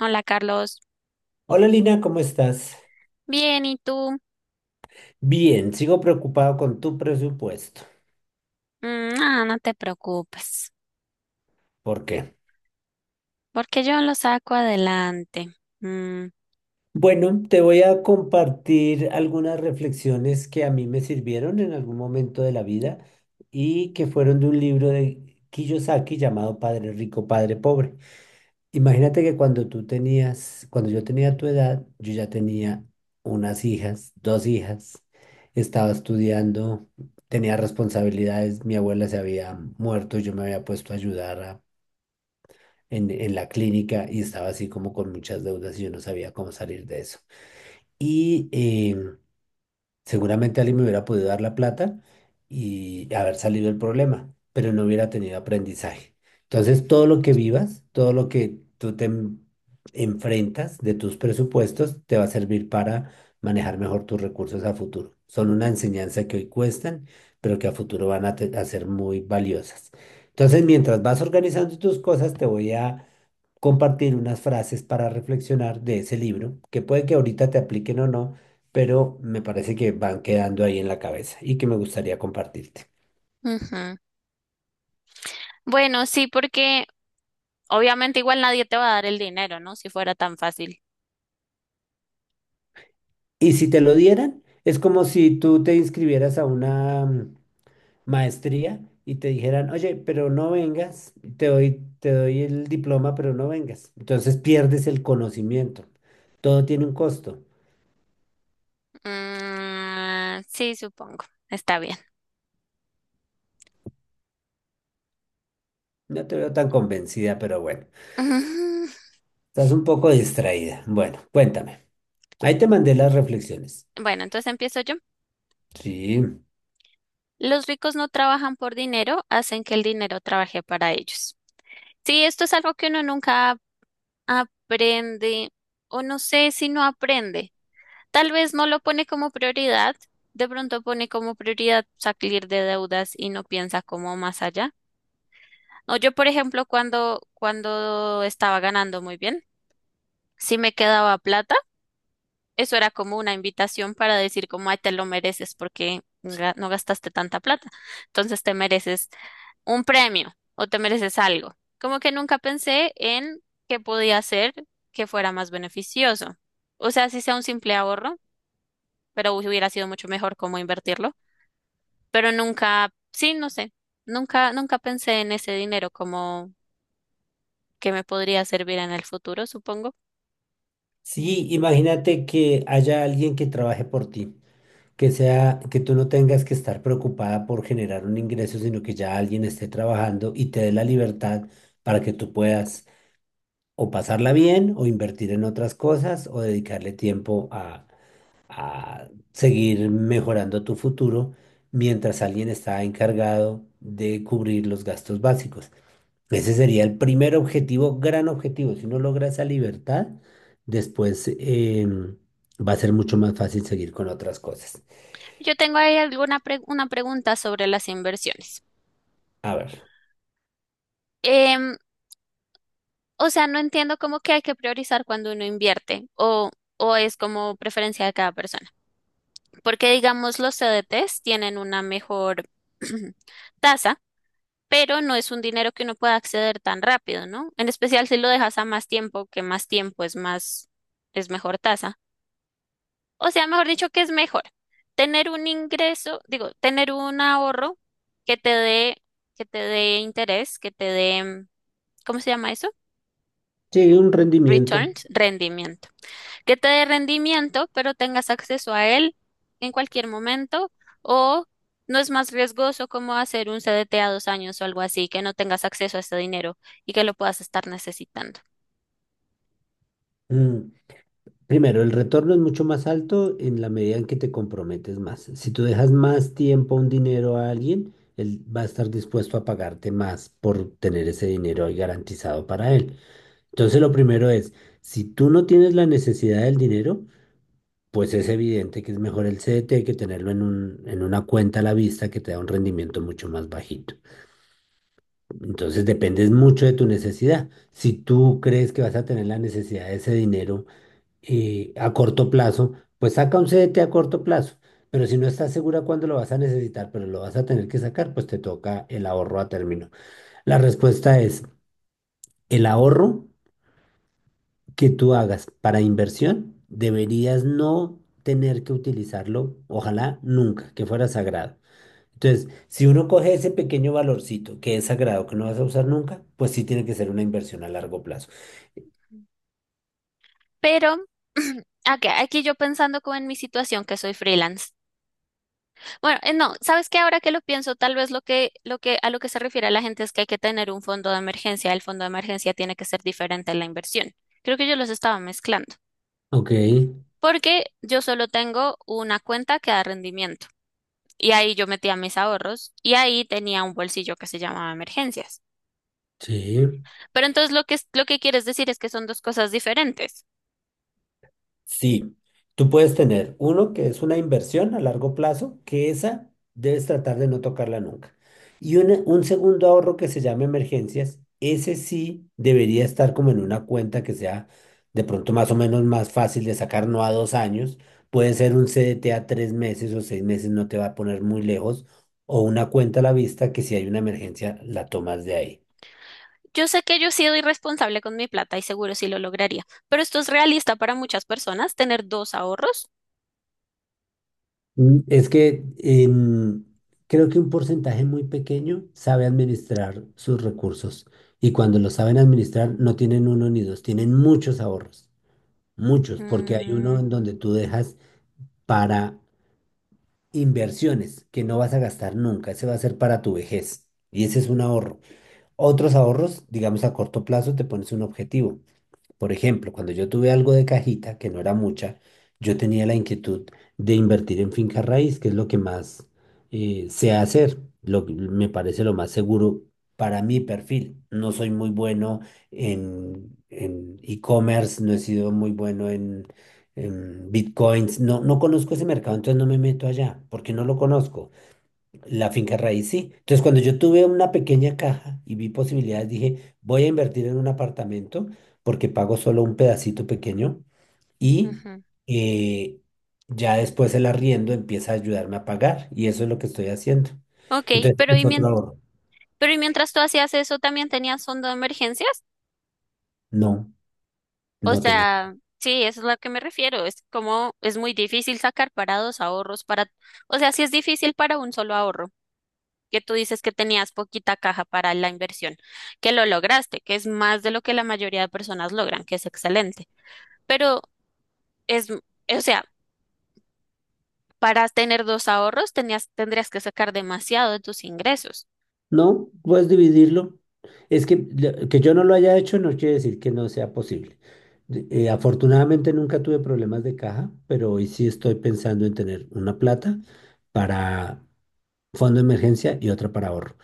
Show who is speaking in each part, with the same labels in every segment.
Speaker 1: Hola Carlos,
Speaker 2: Hola Lina, ¿cómo estás?
Speaker 1: bien, ¿y tú?
Speaker 2: Bien, sigo preocupado con tu presupuesto.
Speaker 1: Mm, no te preocupes,
Speaker 2: ¿Por qué?
Speaker 1: porque yo lo saco adelante. Mm,
Speaker 2: Bueno, te voy a compartir algunas reflexiones que a mí me sirvieron en algún momento de la vida y que fueron de un libro de Kiyosaki llamado Padre Rico, Padre Pobre. Imagínate que cuando tú tenías, cuando yo tenía tu edad, yo ya tenía unas hijas, dos hijas, estaba estudiando, tenía responsabilidades, mi abuela se había muerto, yo me había puesto a ayudar en la clínica y estaba así como con muchas deudas y yo no sabía cómo salir de eso. Y seguramente alguien me hubiera podido dar la plata y haber salido del problema, pero no hubiera tenido aprendizaje. Entonces, todo lo que vivas, todo lo que tú te enfrentas de tus presupuestos, te va a servir para manejar mejor tus recursos a futuro. Son una enseñanza que hoy cuestan, pero que a futuro van a ser muy valiosas. Entonces, mientras vas organizando tus cosas, te voy a compartir unas frases para reflexionar de ese libro, que puede que ahorita te apliquen o no, pero me parece que van quedando ahí en la cabeza y que me gustaría compartirte.
Speaker 1: ujú. Bueno, sí, porque obviamente igual nadie te va a dar el dinero, ¿no? Si fuera tan fácil.
Speaker 2: Y si te lo dieran, es como si tú te inscribieras a una maestría y te dijeran, oye, pero no vengas, te doy el diploma, pero no vengas. Entonces pierdes el conocimiento. Todo tiene un costo.
Speaker 1: Mm, sí, supongo, está bien.
Speaker 2: No te veo tan convencida, pero bueno,
Speaker 1: Ujú.
Speaker 2: estás un poco distraída. Bueno, cuéntame. Ahí te mandé las reflexiones.
Speaker 1: Bueno, entonces empiezo yo.
Speaker 2: Sí.
Speaker 1: Los ricos no trabajan por dinero, hacen que el dinero trabaje para ellos. Sí, esto es algo que uno nunca aprende, o no sé si no aprende. Tal vez no lo pone como prioridad, de pronto pone como prioridad salir de deudas y no piensa como más allá. No, yo, por ejemplo, cuando estaba ganando muy bien, si me quedaba plata, eso era como una invitación para decir como, ay, te lo mereces porque no gastaste tanta plata. Entonces te mereces un premio o te mereces algo. Como que nunca pensé en qué podía hacer que fuera más beneficioso. O sea, si sea un simple ahorro, pero hubiera sido mucho mejor cómo invertirlo. Pero nunca, sí, no sé, nunca pensé en ese dinero como que me podría servir en el futuro, supongo.
Speaker 2: Sí, imagínate que haya alguien que trabaje por ti, que sea, que tú no tengas que estar preocupada por generar un ingreso, sino que ya alguien esté trabajando y te dé la libertad para que tú puedas o pasarla bien, o invertir en otras cosas, o dedicarle tiempo a seguir mejorando tu futuro mientras alguien está encargado de cubrir los gastos básicos. Ese sería el primer objetivo, gran objetivo. Si uno logra esa libertad, después va a ser mucho más fácil seguir con otras cosas.
Speaker 1: Yo tengo ahí alguna una pregunta sobre las inversiones.
Speaker 2: A ver,
Speaker 1: Em, o sea, no entiendo cómo que hay que priorizar cuando uno invierte, o es como preferencia de cada persona. Porque digamos, los CDTs tienen una mejor tasa, pero no es un dinero que uno pueda acceder tan rápido, ¿no? En especial si lo dejas a más tiempo, que más tiempo es más, es mejor tasa. O sea, mejor dicho, que es mejor tener un ingreso, digo, tener un ahorro que te dé, que te dé interés, que te dé, ¿cómo se llama eso?
Speaker 2: sí, un rendimiento.
Speaker 1: Returns, rendimiento. Que te dé rendimiento, pero tengas acceso a él en cualquier momento, o no es más riesgoso como hacer un CDT a dos años o algo así, que no tengas acceso a ese dinero y que lo puedas estar necesitando.
Speaker 2: Mm, Primero, el retorno es mucho más alto en la medida en que te comprometes más. Si tú dejas más tiempo, un dinero a alguien, él va a estar dispuesto a pagarte más por tener ese dinero ahí garantizado para él. Entonces, lo primero es, si tú no tienes la necesidad del dinero, pues es evidente que es mejor el CDT que tenerlo en un, en una cuenta a la vista que te da un rendimiento mucho más bajito. Entonces dependes mucho de tu necesidad. Si tú crees que vas a tener la necesidad de ese dinero a corto plazo, pues saca un CDT a corto plazo. Pero si no estás segura cuándo lo vas a necesitar, pero lo vas a tener que sacar, pues te toca el ahorro a término. La respuesta es el ahorro que tú hagas para inversión, deberías no tener que utilizarlo, ojalá nunca, que fuera sagrado. Entonces, si uno coge ese pequeño valorcito que es sagrado, que no vas a usar nunca, pues sí tiene que ser una inversión a largo plazo.
Speaker 1: Pero, aquí yo pensando como en mi situación, que soy freelance. Bueno, no, ¿sabes qué? Ahora que lo pienso, tal vez a lo que se refiere la gente es que hay que tener un fondo de emergencia. El fondo de emergencia tiene que ser diferente a la inversión. Creo que yo los estaba mezclando,
Speaker 2: Ok,
Speaker 1: porque yo solo tengo una cuenta que da rendimiento. Y ahí yo metía mis ahorros y ahí tenía un bolsillo que se llamaba emergencias.
Speaker 2: sí.
Speaker 1: Pero entonces lo que quieres decir es que son dos cosas diferentes.
Speaker 2: Sí, tú puedes tener uno que es una inversión a largo plazo, que esa debes tratar de no tocarla nunca. Y un segundo ahorro que se llama emergencias, ese sí debería estar como en una cuenta que sea de pronto más o menos más fácil de sacar, no a dos años. Puede ser un CDT a tres meses o seis meses, no te va a poner muy lejos. O una cuenta a la vista que si hay una emergencia la tomas de ahí.
Speaker 1: Yo sé que yo he sido irresponsable con mi plata y seguro sí lo lograría, pero esto es realista para muchas personas, tener dos ahorros.
Speaker 2: Es que creo que un porcentaje muy pequeño sabe administrar sus recursos y cuando los saben administrar no tienen uno ni dos, tienen muchos ahorros, muchos, porque hay
Speaker 1: Mm,
Speaker 2: uno en donde tú dejas para inversiones que no vas a gastar nunca, ese va a ser para tu vejez y ese es un ahorro. Otros ahorros, digamos a corto plazo, te pones un objetivo. Por ejemplo, cuando yo tuve algo de cajita, que no era mucha, yo tenía la inquietud de invertir en finca raíz, que es lo que más sé hacer, lo que me parece lo más seguro para mi perfil. No soy muy bueno en e-commerce, no he sido muy bueno en bitcoins, no, no conozco ese mercado, entonces no me meto allá, porque no lo conozco. La finca raíz, sí. Entonces, cuando yo tuve una pequeña caja y vi posibilidades, dije, voy a invertir en un apartamento porque pago solo un pedacito pequeño y
Speaker 1: ujú.
Speaker 2: eh, ya después el arriendo empieza a ayudarme a pagar y eso es lo que estoy haciendo.
Speaker 1: Ok,
Speaker 2: Entonces,
Speaker 1: pero
Speaker 2: es otro ahorro.
Speaker 1: pero y mientras tú hacías eso, ¿también tenías fondo de emergencias?
Speaker 2: No,
Speaker 1: O
Speaker 2: no tenía.
Speaker 1: sea, sí, eso es a lo que me refiero. Es como es muy difícil sacar para dos ahorros, para, o sea, sí es difícil para un solo ahorro, que tú dices que tenías poquita caja para la inversión, que lo lograste, que es más de lo que la mayoría de personas logran, que es excelente. Pero es, o sea, para tener dos ahorros tenías, tendrías que sacar demasiado de tus ingresos.
Speaker 2: No, puedes dividirlo. Es que yo no lo haya hecho no quiere decir que no sea posible. Afortunadamente nunca tuve problemas de caja, pero hoy sí estoy pensando en tener una plata para fondo de emergencia y otra para ahorro.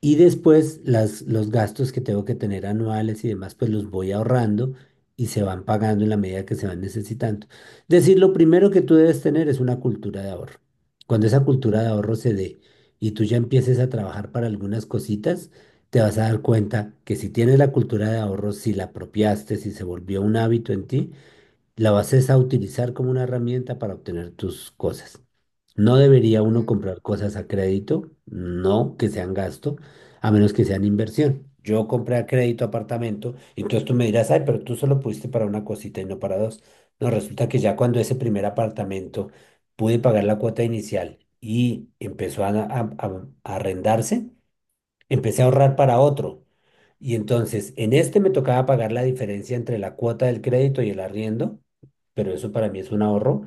Speaker 2: Y después las, los gastos que tengo que tener anuales y demás, pues los voy ahorrando y se van pagando en la medida que se van necesitando. Es decir, lo primero que tú debes tener es una cultura de ahorro. Cuando
Speaker 1: Mm.
Speaker 2: esa cultura de ahorro se dé y tú ya empieces a trabajar para algunas cositas, te vas a dar cuenta que si tienes la cultura de ahorro, si la apropiaste, si se volvió un hábito en ti, la vas es a utilizar como una herramienta para obtener tus cosas. No debería uno comprar cosas a crédito, no que sean gasto, a menos que sean inversión. Yo compré a crédito apartamento, entonces tú me dirás, ay, pero tú solo pudiste para una cosita y no para dos. No, resulta que ya cuando ese primer apartamento pude pagar la cuota inicial y empezó a arrendarse, empecé a ahorrar para otro. Y entonces, en este me tocaba pagar la diferencia entre la cuota del crédito y el arriendo, pero eso para mí es un ahorro.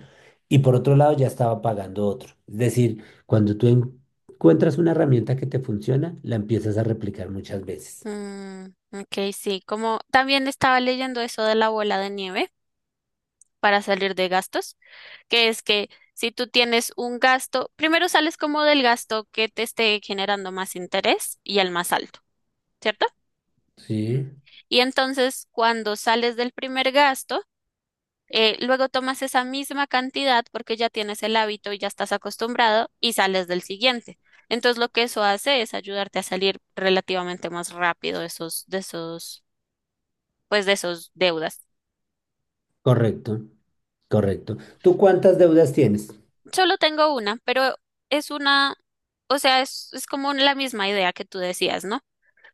Speaker 2: Y por otro lado, ya estaba pagando otro. Es decir, cuando tú encuentras una herramienta que te funciona, la empiezas a replicar muchas veces.
Speaker 1: Mm, ok, sí, como también estaba leyendo eso de la bola de nieve para salir de gastos, que es que si tú tienes un gasto, primero sales como del gasto que te esté generando más interés y el más alto, ¿cierto?
Speaker 2: Sí,
Speaker 1: Y entonces cuando sales del primer gasto, luego tomas esa misma cantidad porque ya tienes el hábito y ya estás acostumbrado y sales del siguiente. Entonces lo que eso hace es ayudarte a salir relativamente más rápido de pues de esos deudas.
Speaker 2: correcto, correcto. ¿Tú cuántas deudas tienes?
Speaker 1: Solo tengo una, pero es una, o sea, es como la misma idea que tú decías, ¿no?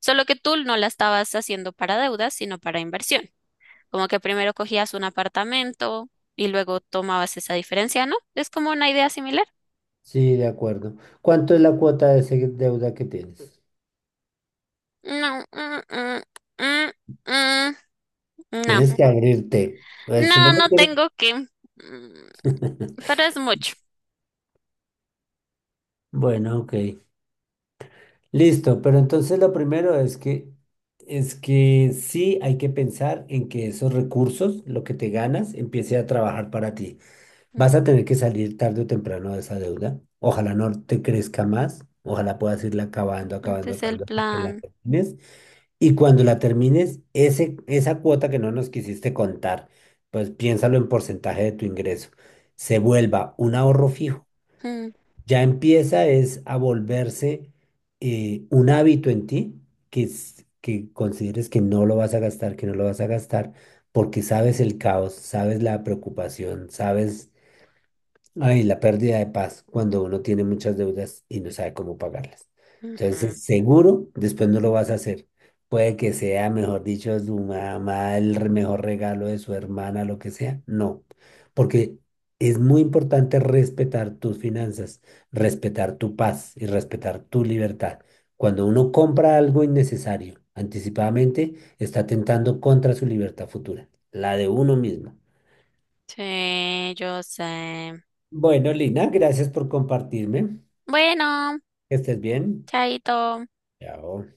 Speaker 1: Solo que tú no la estabas haciendo para deudas, sino para inversión. Como que primero cogías un apartamento y luego tomabas esa diferencia, ¿no? Es como una idea similar.
Speaker 2: Sí, de acuerdo. ¿Cuánto es la cuota de esa deuda que tienes?
Speaker 1: No, mm, mm, no,
Speaker 2: Tienes que abrirte. A ver, si no
Speaker 1: no
Speaker 2: me
Speaker 1: no
Speaker 2: quieres-
Speaker 1: tengo que, mm, pero es mucho.
Speaker 2: Bueno, ok. Listo, pero entonces lo primero es que sí hay que pensar en que esos recursos, lo que te ganas, empiece a trabajar para ti. Vas a tener
Speaker 1: Ujú.
Speaker 2: que salir tarde o temprano de esa deuda. Ojalá no te crezca más. Ojalá puedas irla acabando,
Speaker 1: Ese
Speaker 2: acabando,
Speaker 1: es el
Speaker 2: acabando hasta que la
Speaker 1: plan.
Speaker 2: termines. Y cuando la termines, ese, esa cuota que no nos quisiste contar, pues piénsalo en porcentaje de tu ingreso. Se vuelva un ahorro fijo.
Speaker 1: Mm,
Speaker 2: Ya empieza es a volverse un hábito en ti que consideres que no lo vas a gastar, que no lo vas a gastar, porque sabes el caos, sabes la preocupación, sabes ay, la pérdida de paz cuando uno tiene muchas deudas y no sabe cómo pagarlas.
Speaker 1: ujú.
Speaker 2: Entonces, seguro, después no lo vas a hacer. Puede que sea, mejor dicho, su mamá, el mejor regalo de su hermana, lo que sea. No, porque es muy importante respetar tus finanzas, respetar tu paz y respetar tu libertad. Cuando uno compra algo innecesario anticipadamente, está atentando contra su libertad futura, la de uno mismo.
Speaker 1: Sí, yo sé.
Speaker 2: Bueno, Lina, gracias por compartirme.
Speaker 1: Bueno,
Speaker 2: Que estés bien.
Speaker 1: chaito.
Speaker 2: Chao.